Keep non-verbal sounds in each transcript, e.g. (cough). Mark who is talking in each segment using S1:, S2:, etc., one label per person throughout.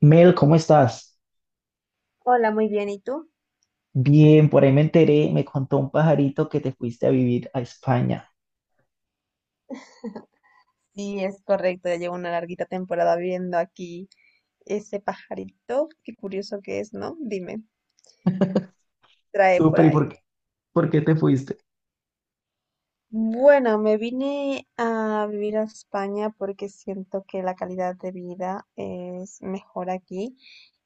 S1: Mel, ¿cómo estás?
S2: Hola, muy bien. ¿Y tú?
S1: Bien, por ahí me enteré, me contó un pajarito que te fuiste a vivir a España.
S2: Sí, es correcto, ya llevo una larguita temporada viendo aquí ese pajarito. Qué curioso que es, ¿no? Dime, trae por
S1: Súper, ¿y
S2: ahí.
S1: por qué? ¿Por qué te fuiste?
S2: Bueno, me vine a vivir a España porque siento que la calidad de vida es mejor aquí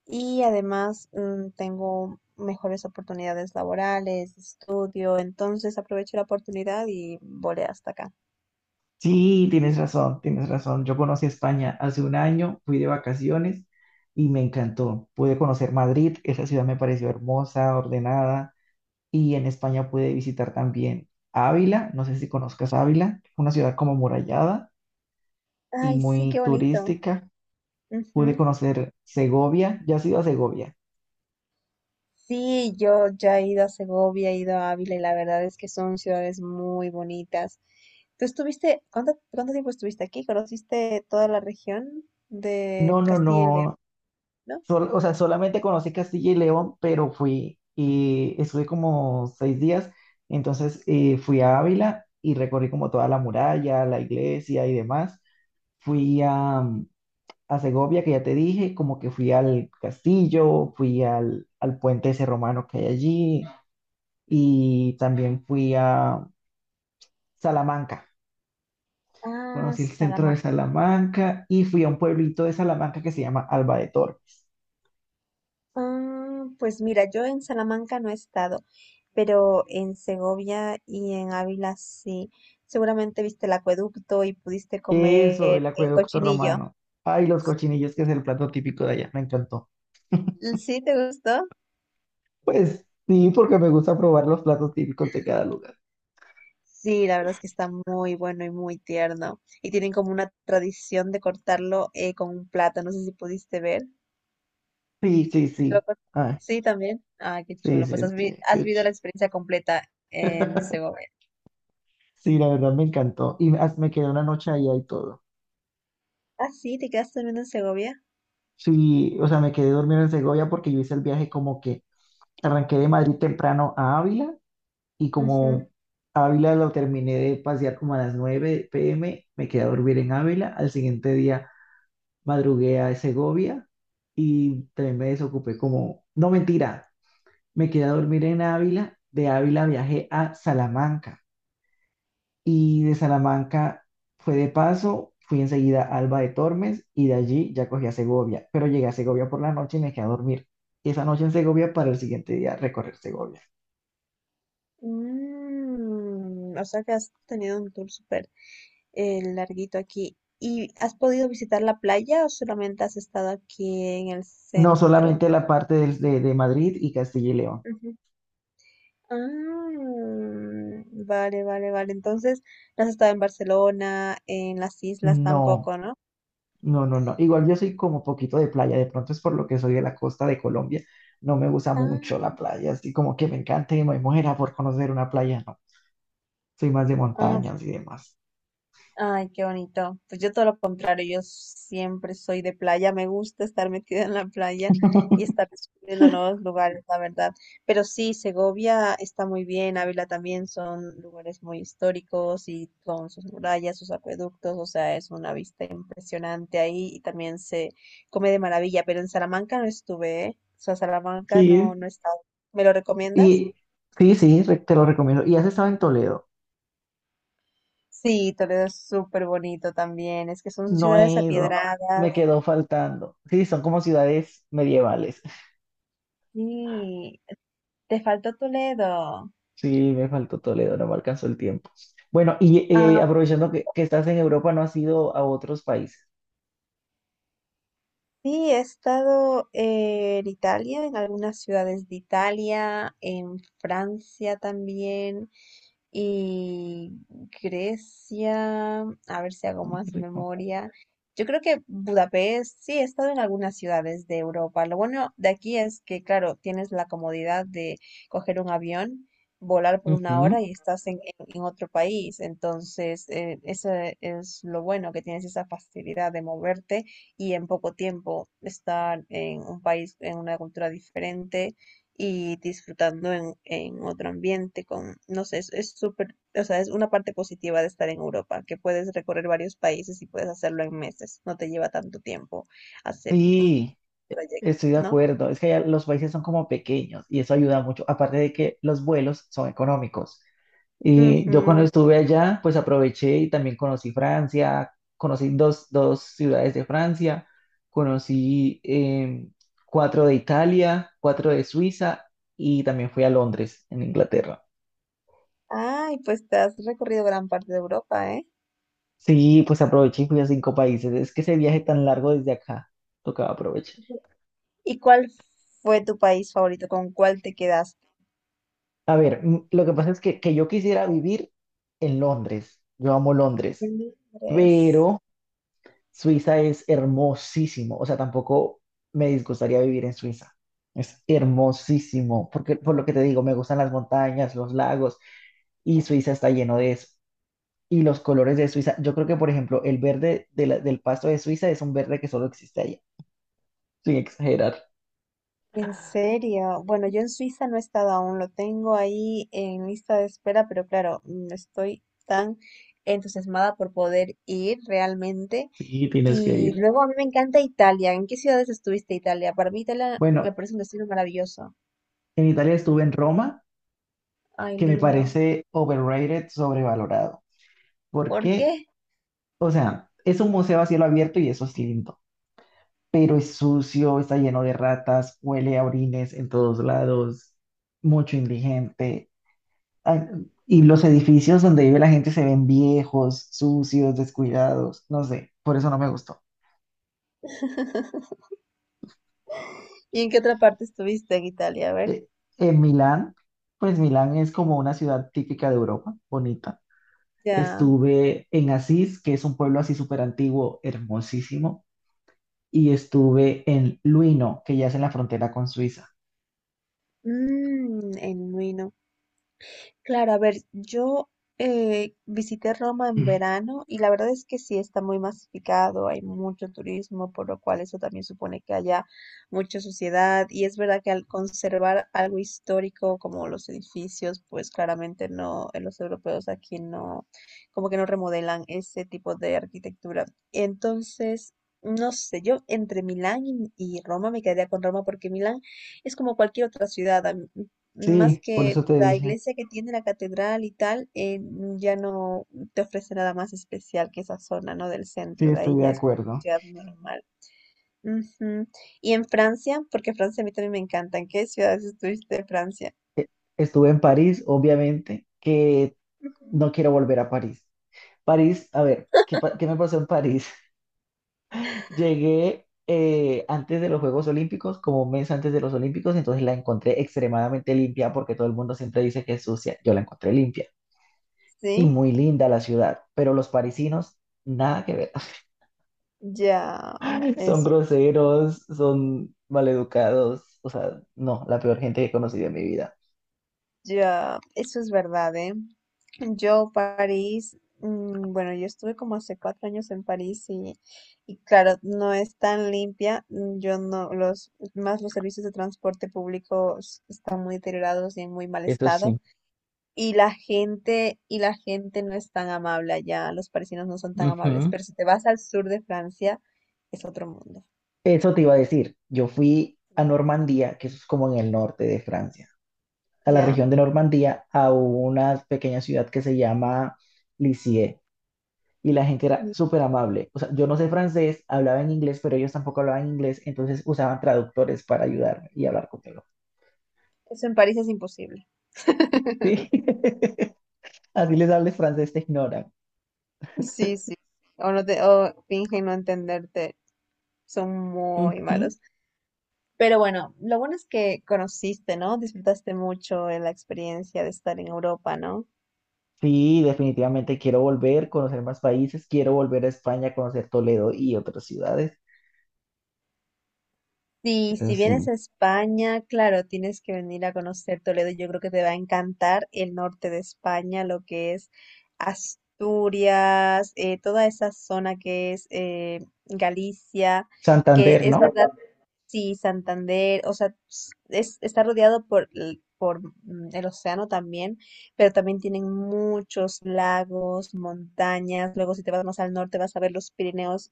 S2: y además tengo mejores oportunidades laborales, de estudio, entonces aprovecho la oportunidad y volé hasta acá.
S1: Sí, tienes razón, tienes razón. Yo conocí España hace 1 año, fui de vacaciones y me encantó. Pude conocer Madrid, esa ciudad me pareció hermosa, ordenada, y en España pude visitar también Ávila, no sé si conozcas Ávila, una ciudad como amurallada y
S2: Ay, sí,
S1: muy
S2: qué bonito.
S1: turística. Pude
S2: Ujú.
S1: conocer Segovia, ¿ya has ido a Segovia?
S2: Sí, yo ya he ido a Segovia, he ido a Ávila y la verdad es que son ciudades muy bonitas. ¿Tú estuviste, cuánto tiempo estuviste aquí? ¿Conociste toda la región de
S1: No, no,
S2: Castilla y León,
S1: no.
S2: no?
S1: O sea, solamente conocí Castilla y León, pero fui y estuve como 6 días. Entonces fui a Ávila y recorrí como toda la muralla, la iglesia y demás. Fui a, mm, a Segovia, que ya te dije, como que fui al castillo, fui al puente ese romano que hay allí y también fui a Salamanca.
S2: Ah,
S1: Conocí el centro de
S2: Salamanca.
S1: Salamanca y fui a un pueblito de Salamanca que se llama Alba de Tor.
S2: Ah, pues mira, yo en Salamanca no he estado, pero en Segovia y en Ávila sí. Seguramente viste el acueducto y pudiste
S1: Eso, el
S2: comer el
S1: acueducto
S2: cochinillo.
S1: romano. Ay, los cochinillos, que es el plato típico de allá. Me encantó.
S2: ¿Sí te gustó?
S1: Pues sí, porque me gusta probar los platos típicos de cada lugar.
S2: Sí, la verdad es que está muy bueno y muy tierno. Y tienen como una tradición de cortarlo con un plato. No sé si pudiste ver.
S1: Sí, sí,
S2: Lo
S1: sí.
S2: cor-
S1: Ay,
S2: Sí, también. Ah, qué
S1: sí,
S2: chulo.
S1: sí,
S2: Pues
S1: sí.
S2: has
S1: Qué
S2: vivido la
S1: chido.
S2: experiencia completa en
S1: (laughs)
S2: Segovia.
S1: Sí, la verdad me encantó. Y me quedé una noche allá y todo.
S2: Ah, sí, te quedaste durmiendo en Segovia.
S1: Sí, o sea, me quedé dormido en Segovia porque yo hice el viaje como que arranqué de Madrid temprano a Ávila y
S2: Ujú.
S1: como Ávila lo terminé de pasear como a las 9 p.m., me quedé a dormir en Ávila. Al siguiente día madrugué a Segovia y también me desocupé como, no mentira, me quedé a dormir en Ávila, de Ávila viajé a Salamanca y de Salamanca fue de paso, fui enseguida a Alba de Tormes y de allí ya cogí a Segovia, pero llegué a Segovia por la noche y me quedé a dormir. Esa noche en Segovia para el siguiente día recorrer Segovia.
S2: Mm, o sea que has tenido un tour súper larguito aquí. ¿Y has podido visitar la playa o solamente has estado aquí en el
S1: No
S2: centro?
S1: solamente la parte de Madrid y Castilla y León.
S2: Ah, vale, vale, vale. Entonces, no has estado en Barcelona, en las islas
S1: No,
S2: tampoco, ¿no?
S1: no, no, no. Igual yo soy como poquito de playa. De pronto es por lo que soy de la costa de Colombia. No me gusta mucho
S2: Ah,
S1: la playa. Así como que me encanta y me muera por conocer una playa. No, soy más de
S2: ah,
S1: montañas y demás.
S2: ay, qué bonito. Pues yo todo lo contrario, yo siempre soy de playa, me gusta estar metida en la playa y estar descubriendo
S1: (laughs)
S2: nuevos lugares, la verdad. Pero sí, Segovia está muy bien, Ávila también son lugares muy históricos y con sus murallas, sus acueductos, o sea, es una vista impresionante ahí y también se come de maravilla, pero en Salamanca no estuve, ¿eh? O sea, Salamanca
S1: Sí,
S2: no, no he estado. ¿Me lo recomiendas?
S1: y sí, sí, te lo recomiendo. Y has estado en Toledo.
S2: Sí, Toledo es súper bonito también, es que son
S1: No he
S2: ciudades
S1: ido.
S2: apiedradas.
S1: Me quedó faltando. Sí, son como ciudades medievales. (laughs)
S2: Sí, te faltó Toledo.
S1: Sí, me faltó Toledo. No me alcanzó el tiempo. Bueno, y
S2: Ah,
S1: aprovechando que estás en Europa, ¿no has ido a otros países?
S2: sí, he estado en Italia, en algunas ciudades de Italia, en Francia también. Y Grecia, a ver si hago
S1: Ay, qué
S2: más
S1: rico.
S2: memoria. Yo creo que Budapest, sí, he estado en algunas ciudades de Europa. Lo bueno de aquí es que, claro, tienes la comodidad de coger un avión, volar por una hora
S1: Ujú.
S2: y estás en otro país. Entonces, eso es lo bueno, que tienes esa facilidad de moverte y en poco tiempo estar en un país, en una cultura diferente y disfrutando en otro ambiente con, no sé, es súper, o sea, es una parte positiva de estar en Europa, que puedes recorrer varios países y puedes hacerlo en meses, no te lleva tanto tiempo hacer un
S1: Sí.
S2: trayecto,
S1: Estoy de
S2: ¿no?
S1: acuerdo, es que allá los países son como pequeños y eso ayuda mucho, aparte de que los vuelos son económicos. Y yo cuando
S2: Ujú.
S1: estuve allá, pues aproveché y también conocí Francia, conocí dos ciudades de Francia, conocí 4 de Italia, 4 de Suiza y también fui a Londres, en Inglaterra.
S2: Ay, pues te has recorrido gran parte de Europa, ¿eh?
S1: Sí, pues aproveché y fui a 5 países. Es que ese viaje tan largo desde acá, tocaba aprovechar.
S2: ¿Y cuál fue tu país favorito? ¿Con cuál te quedaste?
S1: Lo que pasa es que yo quisiera vivir en Londres. Yo amo Londres,
S2: Londres.
S1: pero Suiza es hermosísimo. O sea, tampoco me disgustaría vivir en Suiza. Es hermosísimo, porque por lo que te digo, me gustan las montañas, los lagos, y Suiza está lleno de eso. Y los colores de Suiza, yo creo que, por ejemplo, el verde de del pasto de Suiza es un verde que solo existe allá, sin exagerar.
S2: En serio, bueno, yo en Suiza no he estado aún, lo tengo ahí en lista de espera, pero claro, estoy tan entusiasmada por poder ir realmente.
S1: Sí, tienes que
S2: Y
S1: ir.
S2: luego a mí me encanta Italia. ¿En qué ciudades estuviste Italia? Para mí Italia me
S1: Bueno,
S2: parece un destino maravilloso.
S1: en Italia estuve en Roma,
S2: Ay,
S1: que me
S2: lindo.
S1: parece overrated, sobrevalorado.
S2: ¿Por
S1: Porque,
S2: qué?
S1: o sea, es un museo a cielo abierto y eso es lindo, pero es sucio, está lleno de ratas, huele a orines en todos lados, mucho indigente. ah, Y los edificios donde vive la gente se ven viejos, sucios, descuidados, no sé, por eso no me gustó.
S2: (laughs) ¿Y en qué otra parte estuviste en Italia? A ver,
S1: Eh, En Milán, pues Milán es como una ciudad típica de Europa, bonita.
S2: ya.
S1: Estuve en Asís, que es un pueblo así súper antiguo, hermosísimo, y estuve en Luino, que ya es en la frontera con Suiza.
S2: Mm, en Milán. Claro, a ver, yo visité Roma en verano y la verdad es que sí está muy masificado, hay mucho turismo, por lo cual eso también supone que haya mucha suciedad y es verdad que al conservar algo histórico como los edificios, pues claramente no, los europeos aquí no, como que no remodelan ese tipo de arquitectura. Entonces, no sé, yo entre Milán y Roma me quedaría con Roma porque Milán es como cualquier otra ciudad. Más
S1: Sí, por
S2: que
S1: eso te
S2: la
S1: dije.
S2: iglesia que tiene la catedral y tal, ya no te ofrece nada más especial que esa zona, ¿no? Del
S1: Sí,
S2: centro, de
S1: estoy
S2: ahí
S1: de
S2: ya es como una
S1: acuerdo.
S2: ciudad normal. Ujú. Y en Francia, porque Francia a mí también me encanta, ¿en qué ciudades estuviste de Francia?
S1: E- Estuve en París, obviamente, que no quiero volver a París. París, a ver, ¿qué me pasó en París? (laughs) Llegué antes de los Juegos Olímpicos, como 1 mes antes de los Olímpicos, entonces la encontré extremadamente limpia porque todo el mundo siempre dice que es sucia. Yo la encontré limpia y
S2: Sí,
S1: muy linda la ciudad, pero los parisinos, nada que ver.
S2: ya,
S1: (laughs) Son
S2: eso.
S1: groseros, son maleducados, o sea, no, la peor gente que he conocido en mi vida.
S2: Ya, eso es verdad, ¿eh? Yo, París, bueno, yo estuve como hace 4 años en París y claro, no es tan limpia. Yo no, más los servicios de transporte público están muy deteriorados y en muy mal
S1: Eso
S2: estado.
S1: sí.
S2: Y la gente no es tan amable allá, los parisinos no son tan amables,
S1: Ujú.
S2: pero si te vas al sur de Francia, es otro mundo,
S1: Eso te iba a decir. Yo fui a Normandía, que eso es como en el norte de Francia, a la
S2: ¿ya?
S1: región de Normandía, a una pequeña ciudad que se llama Lisieux. Y la gente era
S2: Y
S1: súper amable. O sea, yo no sé francés, hablaba en inglés, pero ellos tampoco hablaban inglés, entonces usaban traductores para ayudarme y hablar conmigo.
S2: eso en París es imposible. (laughs)
S1: Sí. (laughs) Así les hables francés, te ignoran.
S2: Sí, sí. O, no te, o fingen no entenderte. Son muy
S1: Ujú.
S2: malos. Pero bueno, lo bueno es que conociste, ¿no? Disfrutaste mucho de la experiencia de estar en Europa, ¿no?
S1: Sí, definitivamente quiero volver, conocer más países, quiero volver a España, conocer Toledo y otras ciudades.
S2: Sí,
S1: Pero
S2: si vienes
S1: sí.
S2: a España, claro, tienes que venir a conocer Toledo. Yo creo que te va a encantar el norte de España, lo que es Asturias, toda esa zona que es Galicia, que
S1: Santander,
S2: es
S1: ¿no?
S2: verdad. Sí, Santander, o sea, es, está rodeado por, por el océano también, pero también tienen muchos lagos, montañas. Luego, si te vas más al norte, vas a ver los Pirineos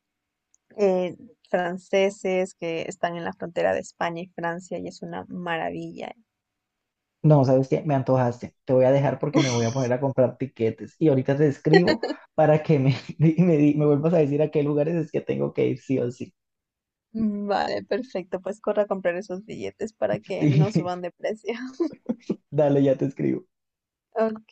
S2: eh, franceses que están en la frontera de España y Francia, y es una maravilla.
S1: No, ¿sabes qué? Me antojaste. Te voy a dejar porque me voy a poner a comprar tiquetes. Y ahorita te escribo
S2: (laughs)
S1: para que me, (laughs) me vuelvas a decir a qué lugares es que tengo que ir sí o sí.
S2: Vale, perfecto, pues corre a comprar esos billetes para que no suban
S1: (laughs) Sí,
S2: de precio. (laughs)
S1: dale, ya te escribo.
S2: Ok.